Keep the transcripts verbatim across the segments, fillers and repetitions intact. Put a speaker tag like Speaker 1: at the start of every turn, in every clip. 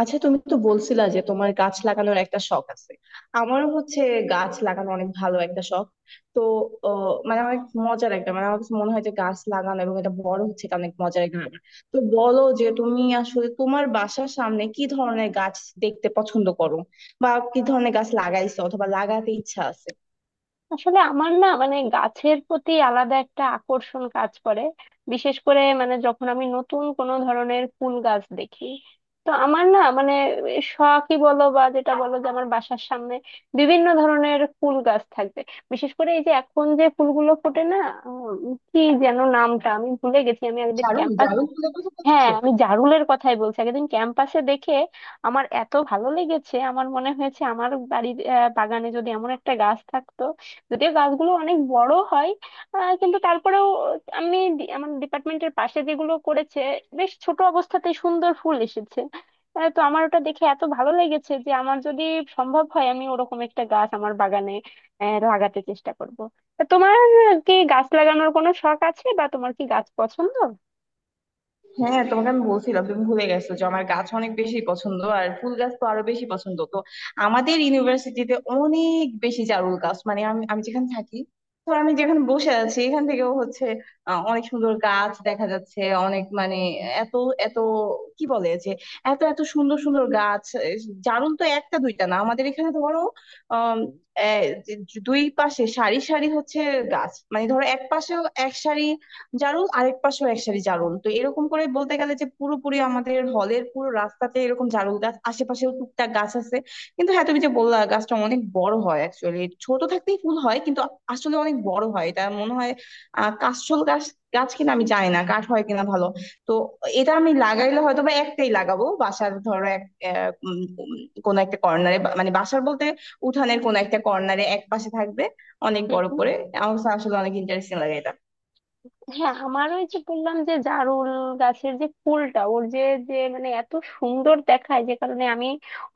Speaker 1: আচ্ছা, তুমি তো বলছিলা যে তোমার গাছ লাগানোর একটা শখ আছে। আমারও হচ্ছে। গাছ লাগানো অনেক ভালো একটা শখ। তো আহ, মানে অনেক মজার একটা, মানে আমার কাছে মনে হয় যে গাছ লাগানো এবং এটা বড় হচ্ছে, এটা অনেক মজার একটা ব্যাপার। তো বলো যে তুমি আসলে তোমার বাসার সামনে কি ধরনের গাছ দেখতে পছন্দ করো, বা কি ধরনের গাছ লাগাইছো অথবা লাগাতে ইচ্ছা আছে।
Speaker 2: আসলে আমার না মানে গাছের প্রতি আলাদা একটা আকর্ষণ কাজ করে। বিশেষ করে মানে যখন আমি নতুন কোনো ধরনের ফুল গাছ দেখি, তো আমার না মানে শখই বলো বা যেটা বলো, যে আমার বাসার সামনে বিভিন্ন ধরনের ফুল গাছ থাকবে। বিশেষ করে এই যে এখন যে ফুলগুলো ফোটে না, উম, কি যেন নামটা আমি ভুলে গেছি, আমি একদিন
Speaker 1: জারুল?
Speaker 2: ক্যাম্পাসে।
Speaker 1: জারুল ফুলের কথা
Speaker 2: হ্যাঁ,
Speaker 1: বলছো?
Speaker 2: আমি জারুলের কথাই বলছি। আগের দিন ক্যাম্পাসে দেখে আমার এত ভালো লেগেছে, আমার মনে হয়েছে আমার বাড়ির আহ, বাগানে যদি এমন একটা গাছ থাকতো। যদিও গাছগুলো অনেক বড় হয়, আহ, কিন্তু তারপরেও আমি ডি- আমার ডিপার্টমেন্টের পাশে যেগুলো করেছে, বেশ ছোট অবস্থাতে সুন্দর ফুল এসেছে। আহ, তো আমার ওটা দেখে এত ভালো লেগেছে যে আমার যদি সম্ভব হয়, আমি ওরকম একটা গাছ আমার বাগানে আহ, লাগাতে চেষ্টা করব। তা তোমার কি গাছ লাগানোর কোনো শখ আছে, বা তোমার কি গাছ পছন্দ?
Speaker 1: হ্যাঁ, তোমাকে আমি বলছিলাম তুমি ভুলে গেছো যে আমার গাছ অনেক বেশি পছন্দ, আর ফুল গাছ তো আরো বেশি পছন্দ। তো আমাদের ইউনিভার্সিটিতে অনেক বেশি জারুল গাছ, মানে আমি আমি যেখানে থাকি। তো আমি যেখানে বসে আছি এখান থেকেও হচ্ছে আহ, অনেক সুন্দর গাছ দেখা যাচ্ছে। অনেক মানে এত এত, কি বলে যে এত এত সুন্দর সুন্দর গাছ এ, জারুল তো একটা দুইটা না, আমাদের এখানে ধরো আহ দুই পাশে সারি সারি হচ্ছে গাছ, মানে ধরো এক পাশে এক সারি জারুল, আরেক পাশেও এক সারি জারুল। তো এরকম করে বলতে গেলে যে পুরোপুরি আমাদের হলের পুরো রাস্তাতে এরকম জারুল গাছ, আশেপাশেও টুকটাক গাছ আছে। কিন্তু হ্যাঁ, তুমি যে বললা গাছটা অনেক বড় হয়, অ্যাকচুয়ালি ছোট থাকতেই ফুল হয়, কিন্তু আসলে অনেক বড় হয় এটা মনে হয়। আহ কাশফুল গাছ, গাছ কিনা আমি জানি না, কাঠ হয় কিনা ভালো। তো এটা আমি লাগাইলে হয়তো বা একটাই লাগাবো, বাসার ধরো এক আহ, উম, উম, কোনো একটা কর্নারে, মানে বাসার বলতে উঠানের কোনো একটা কর্নারে এক পাশে থাকবে অনেক বড়
Speaker 2: হুম।
Speaker 1: করে। আমার কাছে আসলে অনেক ইন্টারেস্টিং লাগে এটা।
Speaker 2: হ্যাঁ, আমার ওই যে বললাম যে জারুল গাছের যে ফুলটা, ওর যে যে মানে এত সুন্দর দেখায়, যে কারণে আমি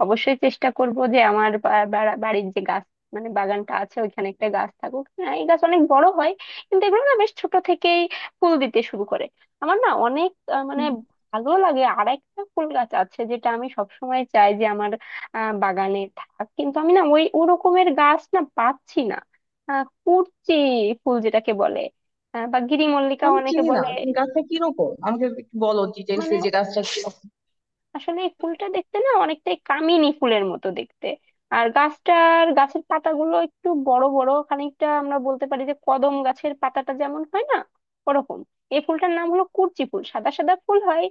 Speaker 2: অবশ্যই চেষ্টা করব যে আমার বা- বা- বাড়ির যে গাছ মানে বাগানটা আছে, ওইখানে একটা গাছ থাকুক। হ্যাঁ, এই গাছ অনেক বড় হয় কিন্তু এগুলো না বেশ ছোট থেকেই ফুল দিতে শুরু করে। আমার না অনেক আহ, মানে ভালো লাগে। আর একটা ফুল গাছ আছে যেটা আমি সবসময় চাই যে আমার আহ, বাগানে থাক, কিন্তু আমি না ওই ওরকমের গাছ না পাচ্ছি না। আহ, কুরচি ফুল যেটাকে বলে, আহ, বা গিরি মল্লিকা
Speaker 1: আমি
Speaker 2: অনেকে
Speaker 1: চিনি না,
Speaker 2: বলে।
Speaker 1: তুমি গাছটা কিরকম আমাকে একটু বলো ডিটেলস,
Speaker 2: মানে
Speaker 1: যে গাছটা কিরকম।
Speaker 2: আসলে এই ফুলটা দেখতে না অনেকটাই কামিনী ফুলের মতো দেখতে। আর গাছটার গাছের পাতাগুলো একটু বড় বড়, খানিকটা আমরা বলতে পারি যে কদম গাছের পাতাটা যেমন হয় না, ওরকম। এই ফুলটার নাম হলো কুরচি ফুল, সাদা সাদা ফুল হয়।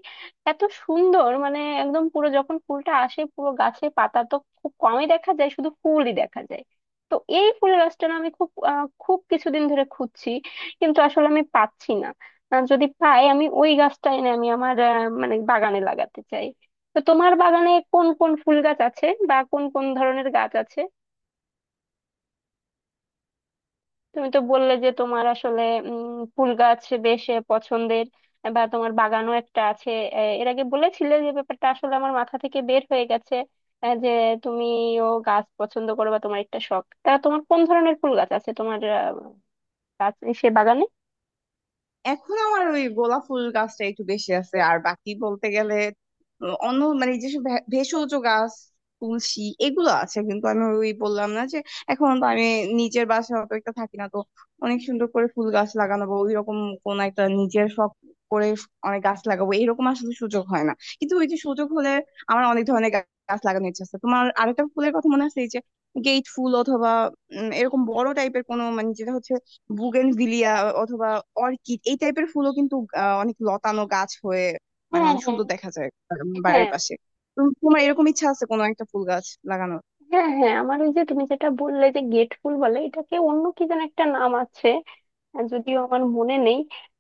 Speaker 2: এত সুন্দর, মানে একদম পুরো যখন ফুলটা আসে, পুরো গাছে পাতা তো খুব কমই দেখা যায়, শুধু ফুলই দেখা যায়। তো এই ফুলের গাছটা না আমি খুব আহ, খুব কিছুদিন ধরে খুঁজছি, কিন্তু আসলে আমি পাচ্ছি না। আহ, যদি পাই, আমি ওই গাছটা এনে আমি আমার আহ, মানে বাগানে লাগাতে চাই। তো তোমার বাগানে কোন কোন ফুল গাছ আছে, বা কোন কোন ধরনের গাছ আছে? তুমি তো বললে যে তোমার আসলে উম ফুল গাছ বেশ আহ, পছন্দের, বা তোমার বাগানও একটা আছে। আহ, এর আগে বলেছিলে যে ব্যাপারটা আসলে আমার মাথা থেকে বের হয়ে গেছে। আহ, যে তুমিও গাছ পছন্দ করো বা তোমার একটা শখ, তা তোমার কোন ধরনের ফুল গাছ আছে, তোমার আহ, গাছ সে বাগানে?
Speaker 1: এখন আমার ওই গোলাপ ফুল গাছটা একটু বেশি আছে। আর বাকি বলতে গেলে আহ, অন্য মানে যেসব ভে- ভেষজ গাছ, তুলসী, এগুলো আছে। কিন্তু আমি ওই বললাম না যে এখন তো আমি নিজের বাসায় অত একটা থাকি না, তো অনেক সুন্দর করে ফুল গাছ লাগানো বা ওই রকম কোন একটা নিজের শখ করে অনেক গাছ লাগাবো, এরকম আসলে সুযোগ হয় না। কিন্তু ওই যে সুযোগ হলে আমার অনেক ধরনের গা- গাছ লাগানোর ইচ্ছা আছে। তোমার আরেকটা ফুলের কথা মনে আছে, এই যে গেট ফুল, অথবা উম, এরকম বড় টাইপের কোনো, মানে যেটা হচ্ছে বুগেনভিলিয়া অথবা অর্কিড, এই টাইপের ফুলও কিন্তু আহ, অনেক লতানো গাছ হয়ে মানে
Speaker 2: হ্যাঁ,
Speaker 1: অনেক
Speaker 2: হ্যাঁ,
Speaker 1: সুন্দর দেখা যায় উম, বাড়ির
Speaker 2: হ্যাঁ।
Speaker 1: পাশে। তো তোমার
Speaker 2: ঠিক-
Speaker 1: এরকম ইচ্ছা আছে কোনো একটা ফুল গাছ লাগানোর?
Speaker 2: হ্যাঁ, হ্যাঁ, আমার ওই যে তুমি যেটা বললে যে গেট ফুল বলে, এটাকে অন্য কি যেন একটা নাম আছে, আর যদিও আমার মনে নেই।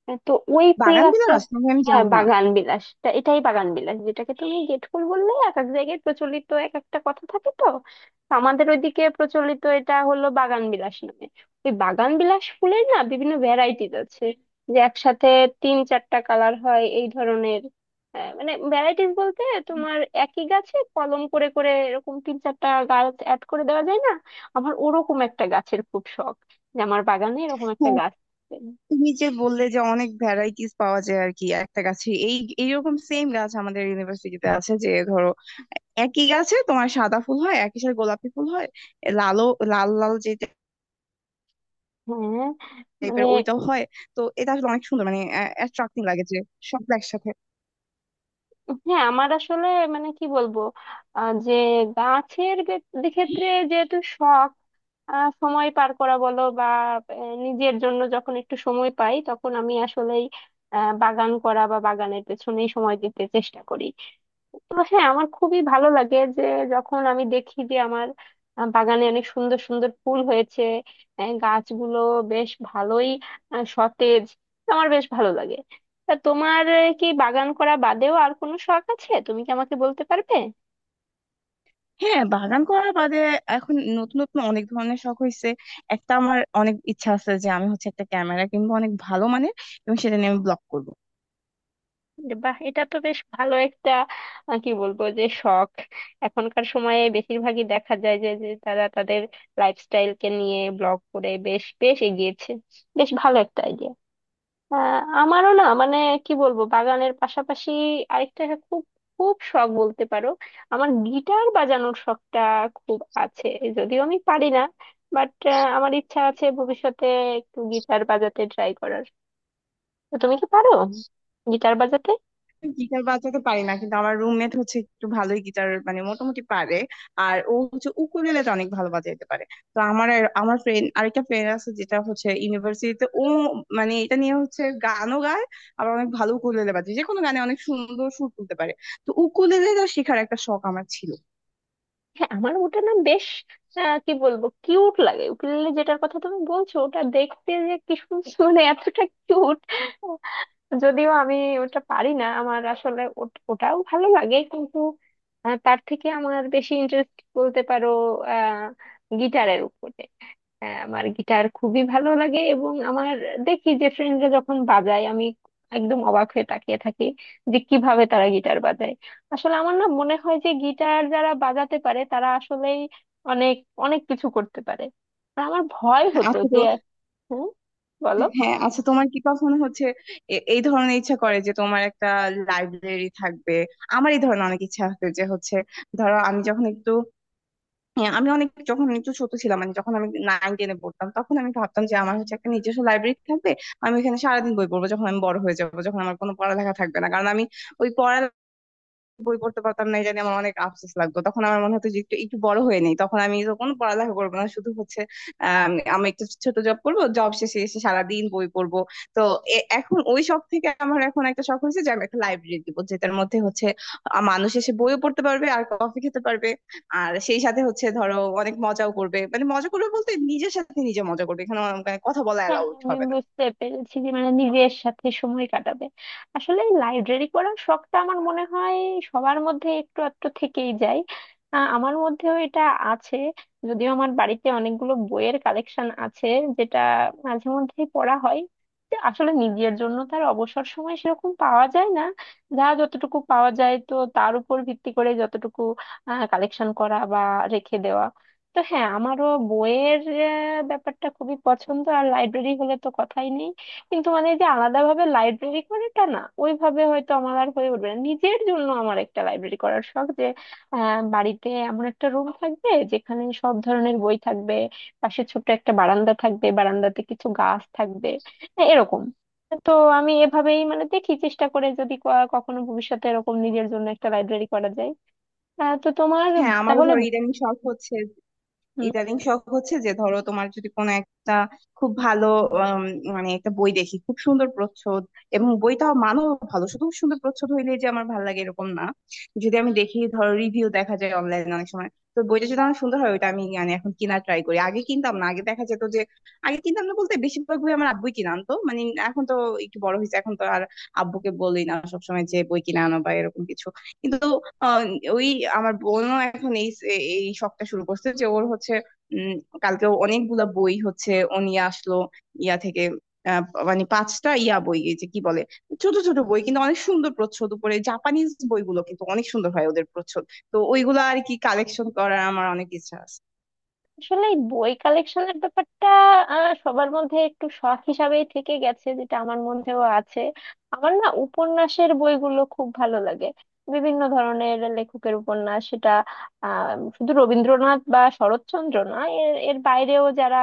Speaker 2: আহ, তো ওই ফুল
Speaker 1: বাগান
Speaker 2: গাছটা,
Speaker 1: বিলাস নাকি, আমি
Speaker 2: হ্যাঁ,
Speaker 1: জানি না।
Speaker 2: বাগান বিলাসটা, এটাই বাগান বিলাস যেটাকে তুমি গেট ফুল বললে। এক এক জায়গায় প্রচলিত এক একটা কথা থাকে, তো তো আমাদের ওইদিকে প্রচলিত এটা হলো বাগান বিলাস নামে। ওই বাগান বিলাস ফুলের না বিভিন্ন ভ্যারাইটিজ আছে, যে একসাথে তিন চারটা কালার হয় এই ধরনের। আহ, মানে ভ্যারাইটিস বলতে তোমার একই গাছে কলম করে করে এরকম তিন চারটা গাছ অ্যাড করে দেওয়া যায় না। আমার ওরকম একটা গাছের খুব শখ, যে আমার বাগানে এরকম একটা
Speaker 1: হ্যাঁ,
Speaker 2: গাছ।
Speaker 1: তুমি যে বললে যে অনেক ভ্যারাইটিস পাওয়া যায় আর কি একটা গাছে, এই এইরকম সেম গাছ আমাদের ইউনিভার্সিটিতে আছে, যে ধরো একই গাছে তোমার সাদা ফুল হয়, একই সাথে গোলাপি ফুল হয়, এ লালও, লাল লাল যে
Speaker 2: হ্যাঁ। মানে
Speaker 1: টাইপের, ওইটাও হয়। তো এটা আসলে অনেক সুন্দর, মানে অ্যাট্রাক্টিং লাগে যে সব একসাথে।
Speaker 2: হ্যাঁ, আমার আসলে মানে কি বলবো, আহ, যে গাছের গে- ক্ষেত্রে যেহেতু শখ, আহ, সময় পার করা বলো বা আহ, নিজের জন্য যখন একটু সময় পাই, তখন আমি আসলেই আহ, বাগান করা বা বাগানের পেছনেই সময় দিতে চেষ্টা করি। তো হ্যাঁ, আমার খুবই ভালো লাগে যে যখন আমি দেখি যে আমার আহ, বাগানে অনেক সুন্দর সুন্দর ফুল হয়েছে, আহ, গাছগুলো বেশ ভালোই আহ, সতেজ, আমার বেশ ভালো লাগে। তা তোমার আহ, কি বাগান করা বাদেও আর কোনো শখ আছে, তুমি কি আমাকে বলতে পারবে?
Speaker 1: হ্যাঁ, বাগান করা বাদে এখন নতুন নতুন অনেক ধরনের শখ হয়েছে। একটা, আমার অনেক ইচ্ছা আছে যে আমি হচ্ছে একটা ক্যামেরা কিনবো অনেক ভালো মানের, এবং সেটা নিয়ে আমি ব্লগ করবো।
Speaker 2: যে বাহ, এটা তো বেশ ভালো একটা আহ, কি বলবো, যে শখ এখনকার সময়ে বেশিরভাগই দেখা যায় যে যে তারা তাদের লাইফস্টাইলকে নিয়ে ব্লগ করে বেশ বেশ এগিয়েছে। বেশ ভালো একটা আইডিয়া। আহ, আমারও না মানে কি বলবো, বাগানের পাশাপাশি আরেকটা, হ্যাঁ, খুব খুব শখ বলতে পারো, আমার গিটার বাজানোর শখটা খুব আছে। যদিও আমি পারি না, বাট আমার ইচ্ছা আছে ভবিষ্যতে একটু গিটার বাজাতে ট্রাই করার। তো তুমি কি পারো গিটার বাজাতে?
Speaker 1: গিটার বাজাতে পারি না, কিন্তু আমার রুমমেট হচ্ছে একটু ভালোই গিটার মানে মোটামুটি পারে। আর ও হচ্ছে উকুলেলেটা অনেক ভালো বাজাইতে পারে। তো আমার আর- আমার ফ্রেন্ড, আরেকটা ফ্রেন্ড আছে যেটা হচ্ছে ইউনিভার্সিটিতে, ও মানে এটা নিয়ে হচ্ছে গানও গায়, আবার অনেক ভালো উকুলেলে বাজায়, যে কোনো গানে অনেক সুন্দর সুর তুলতে পারে। তো উকুলেলেটা শেখার একটা শখ আমার ছিল।
Speaker 2: হ্যাঁ, আমার ওটা না বেশ আহ, কি বলবো, কিউট লাগে উকুলেলে, যেটার কথা তুমি বলছো ওটা দেখতে যে কি সুন্দর, মানে এতটা কিউট। যদিও আমি ওটা পারি না, আমার আসলে ওট- ওটাও ভালো লাগে, কিন্তু আহ, তার থেকে আমার বেশি ইন্টারেস্ট বলতে পারো আহ, গিটারের উপরে। আহ, আমার গিটার খুবই ভালো লাগে, এবং আমার দেখি যে ফ্রেন্ডরা যখন বাজায়, আমি একদম অবাক হয়ে তাকিয়ে থাকি যে কিভাবে তারা গিটার বাজায়। আসলে আমার না মনে হয় যে গিটার যারা বাজাতে পারে তারা আসলেই অনেক অনেক কিছু করতে পারে। আর আমার ভয় হতো
Speaker 1: আচ্ছা
Speaker 2: যে,
Speaker 1: তো,
Speaker 2: হুম, বলো।
Speaker 1: হ্যাঁ, আচ্ছা তোমার কি কখনো হচ্ছে এ- এই ধরনের ইচ্ছা করে যে তোমার একটা লাইব্রেরি থাকবে? আমার এই ধরনের অনেক ইচ্ছা আছে যে হচ্ছে, ধরো আমি যখন একটু, হ্যাঁ, আমি অনেক যখন একটু ছোট ছিলাম, মানে যখন আমি নাইন টেনে পড়তাম, তখন আমি ভাবতাম যে আমার হচ্ছে একটা নিজস্ব লাইব্রেরি থাকবে। আমি এখানে সারাদিন বই পড়বো যখন আমি বড় হয়ে যাবো, যখন আমার কোনো পড়ালেখা থাকবে না, কারণ আমি ওই পড়া, বই পড়তে পারতাম না, এটা নিয়ে আমার অনেক আফসোস লাগতো। তখন আমার মনে হতো যে একটু একটু বড় হয়ে নেই, তখন আমি তখন পড়ালেখা করবো না, শুধু হচ্ছে আম, আমি একটু ছোট জব করবো, জব শেষে এসে সারাদিন বই পড়বো। তো এ- এখন ওই শখ থেকে আমার এখন একটা শখ হয়েছে যে আমি একটা লাইব্রেরি দিব, যেটার মধ্যে হচ্ছে আ, মানুষ এসে বইও পড়তে পারবে আর কফি খেতে পারবে, আর সেই সাথে হচ্ছে ধরো অনেক মজাও করবে, মানে মজা করবে বলতে নিজের সাথে নিজে মজা করবে, এখানে আমার মানে কথা বলা
Speaker 2: হ্যাঁ,
Speaker 1: অ্যালাউড
Speaker 2: আমি
Speaker 1: হবে না।
Speaker 2: বুঝতে পেরেছি যে মানে নিজের সাথে সময় কাটাবে। আসলে লাইব্রেরি পড়ার শখটা আমার মনে হয় সবার মধ্যে একটু একটু থেকেই যায়। আহ, আমার মধ্যেও এটা আছে। যদিও আমার বাড়িতে অনেকগুলো বইয়ের কালেকশন আছে, যেটা মাঝে মধ্যেই পড়া হয়। তো আসলে নিজের জন্য তার অবসর সময় সেরকম পাওয়া যায় না, যা যতটুকু পাওয়া যায় তো তার উপর ভিত্তি করে যতটুকু কালেকশন করা বা রেখে দেওয়া। তো হ্যাঁ, আমারও বইয়ের আহ, ব্যাপারটা খুবই পছন্দ, আর লাইব্রেরি হলে তো কথাই নেই। কিন্তু মানে যে আলাদাভাবে লাইব্রেরি করে তা না, ওইভাবে হয়তো আমার আর হয়ে উঠবে না। নিজের জন্য আমার একটা লাইব্রেরি করার শখ যে আহ, বাড়িতে এমন একটা রুম থাকবে যেখানে সব ধরনের বই থাকবে, পাশে ছোট্ট একটা বারান্দা থাকবে, বারান্দাতে কিছু গাছ থাকবে এরকম। তো আমি এভাবেই মানে দেখি, চেষ্টা করে যদি ক- কখনো ভবিষ্যতে এরকম নিজের জন্য একটা লাইব্রেরি করা যায়। আহ, তো তোমার
Speaker 1: হ্যাঁ, আমারও
Speaker 2: তাহলে
Speaker 1: ধরো ইদানিং শখ হচ্ছে, ইদানিং শখ হচ্ছে যে ধরো তোমার যদি কোনো একটা খুব ভালো আম, মানে একটা বই দেখি খুব সুন্দর প্রচ্ছদ, এবং বইটাও মানও ভালো, শুধু সুন্দর প্রচ্ছদ হইলে যে আমার ভালো লাগে এরকম না। যদি আমি দেখি, ধরো রিভিউ দেখা যায় অনলাইনে অনেক সময়, তো বইটা যদি আমার সুন্দর হয় ওইটা আমি মানে এখন কিনা ট্রাই করি। আগে কিনতাম না, আগে দেখা যেত যে, আগে কিনতাম না বলতে বেশিরভাগ বই আমার আব্বুই কিনে আনতো মানে। এখন তো একটু বড় হয়েছে, এখন তো আর আব্বুকে বলি না সবসময় যে বই কিনে আনো বা এরকম কিছু। কিন্তু আহ, ওই আমার বোনও এখন এই এই শখটা শুরু করছে যে ওর হচ্ছে উম কালকেও অনেকগুলা বই হচ্ছে ও নিয়ে আসলো ইয়া থেকে, আহ, মানে পাঁচটা ইয়া বই, এই যে কি বলে, ছোট ছোট বই কিন্তু অনেক সুন্দর প্রচ্ছদ উপরে। জাপানিজ বইগুলো কিন্তু অনেক সুন্দর হয় ওদের প্রচ্ছদ। তো ওইগুলো আর কি কালেকশন করার আমার অনেক ইচ্ছা আছে।
Speaker 2: আসলে এই বই কালেকশনের ব্যাপারটা আহ, সবার মধ্যে একটু শখ হিসাবেই থেকে গেছে, যেটা আমার মধ্যেও আছে। আমার না উপন্যাসের বইগুলো খুব ভালো লাগে, বিভিন্ন ধরনের লেখকের উপন্যাস সেটা আহ, শুধু রবীন্দ্রনাথ বা শরৎচন্দ্র না, এর এর বাইরেও যারা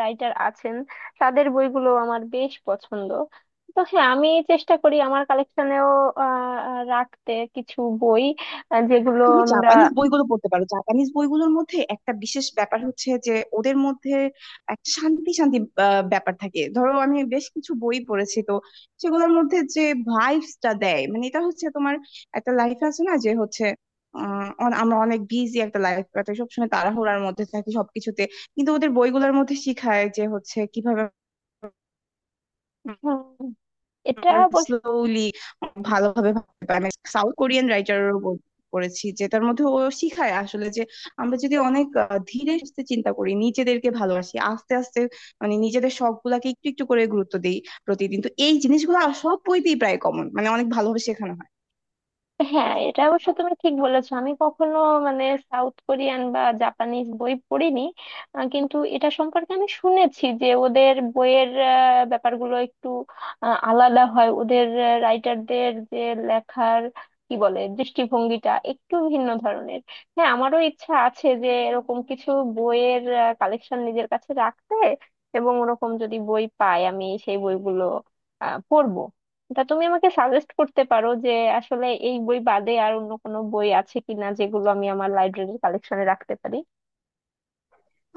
Speaker 2: রাইটার আছেন, তাদের বইগুলো আমার বেশ পছন্দ। তো হ্যাঁ, আমি চেষ্টা করি আমার কালেকশনেও রাখতে কিছু বই, আহ, যেগুলো
Speaker 1: তুমি
Speaker 2: আমরা।
Speaker 1: জাপানিজ বইগুলো পড়তে পারো। জাপানিজ বইগুলোর মধ্যে একটা বিশেষ ব্যাপার হচ্ছে যে ওদের মধ্যে একটা শান্তি শান্তি আহ, ব্যাপার থাকে। ধরো আমি বেশ কিছু বই পড়েছি, তো সেগুলোর মধ্যে যে ভাইবসটা দেয়, মানে এটা হচ্ছে তোমার একটা লাইফ আছে না, যে হচ্ছে আহ, অন- আমরা অনেক বিজি একটা লাইফ কাটাই, সবসময় তাড়াহুড়ার মধ্যে থাকি সবকিছুতে। কিন্তু ওদের বইগুলোর মধ্যে শিখায় যে হচ্ছে কিভাবে
Speaker 2: হুম, এটা
Speaker 1: আমরা
Speaker 2: অবশ্য,
Speaker 1: স্লোলি ভালোভাবে ভাবতে পারি। সাউথ কোরিয়ান রাইটারেরও বই পড়েছি, যেটার মধ্যে ও শিখায় আসলে যে আমরা যদি অনেক আহ, ধীরে সুস্থে চিন্তা করি, নিজেদেরকে ভালোবাসি আস্তে আস্তে, মানে নিজেদের শখ গুলাকে একটু একটু করে গুরুত্ব দিই প্রতিদিন, তো এই জিনিসগুলো আর সব বইতেই প্রায় কমন, মানে অনেক ভালোভাবে শেখানো হয়।
Speaker 2: হ্যাঁ, এটা অবশ্য তুমি ঠিক বলেছো। আমি কখনো মানে সাউথ কোরিয়ান বা জাপানিজ বই পড়িনি, আহ, কিন্তু এটা সম্পর্কে আমি শুনেছি যে ওদের বইয়ের আহ, ব্যাপারগুলো একটু আহ, আলাদা হয়, ওদের রাইটারদের যে লেখার কি বলে দৃষ্টিভঙ্গিটা একটু ভিন্ন ধরনের। হ্যাঁ, আমারও ইচ্ছা আছে যে এরকম কিছু বইয়ের কালেকশন নিজের কাছে রাখতে, এবং ওরকম যদি বই পাই আমি সেই বইগুলো আহ, পড়বো। তা তুমি আমাকে সাজেস্ট করতে পারো যে আসলে এই বই বাদে আর অন্য কোনো বই আছে কিনা যেগুলো আমি আমার লাইব্রেরির কালেকশনে রাখতে পারি?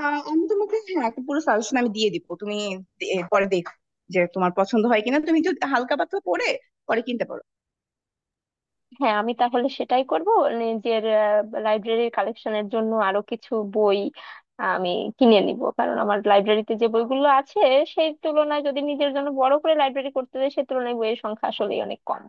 Speaker 1: আহ আমি তোমাকে, হ্যাঁ, একটা পুরো সাজেশন আমি দিয়ে দিব, তুমি দে- পরে দেখো যে তোমার পছন্দ হয় কিনা, তুমি একটু হালকা পাতলা পড়ে পরে কিনতে পারো।
Speaker 2: হ্যাঁ, আমি তাহলে সেটাই করব। নিজের লাইব্রেরির কালেকশনের জন্য আরো কিছু বই আমি কিনে নিব, কারণ আমার লাইব্রেরিতে যে বইগুলো আছে সেই তুলনায় যদি নিজের জন্য বড় করে লাইব্রেরি করতে হয়, সেই তুলনায় বইয়ের সংখ্যা আসলেই অনেক কম।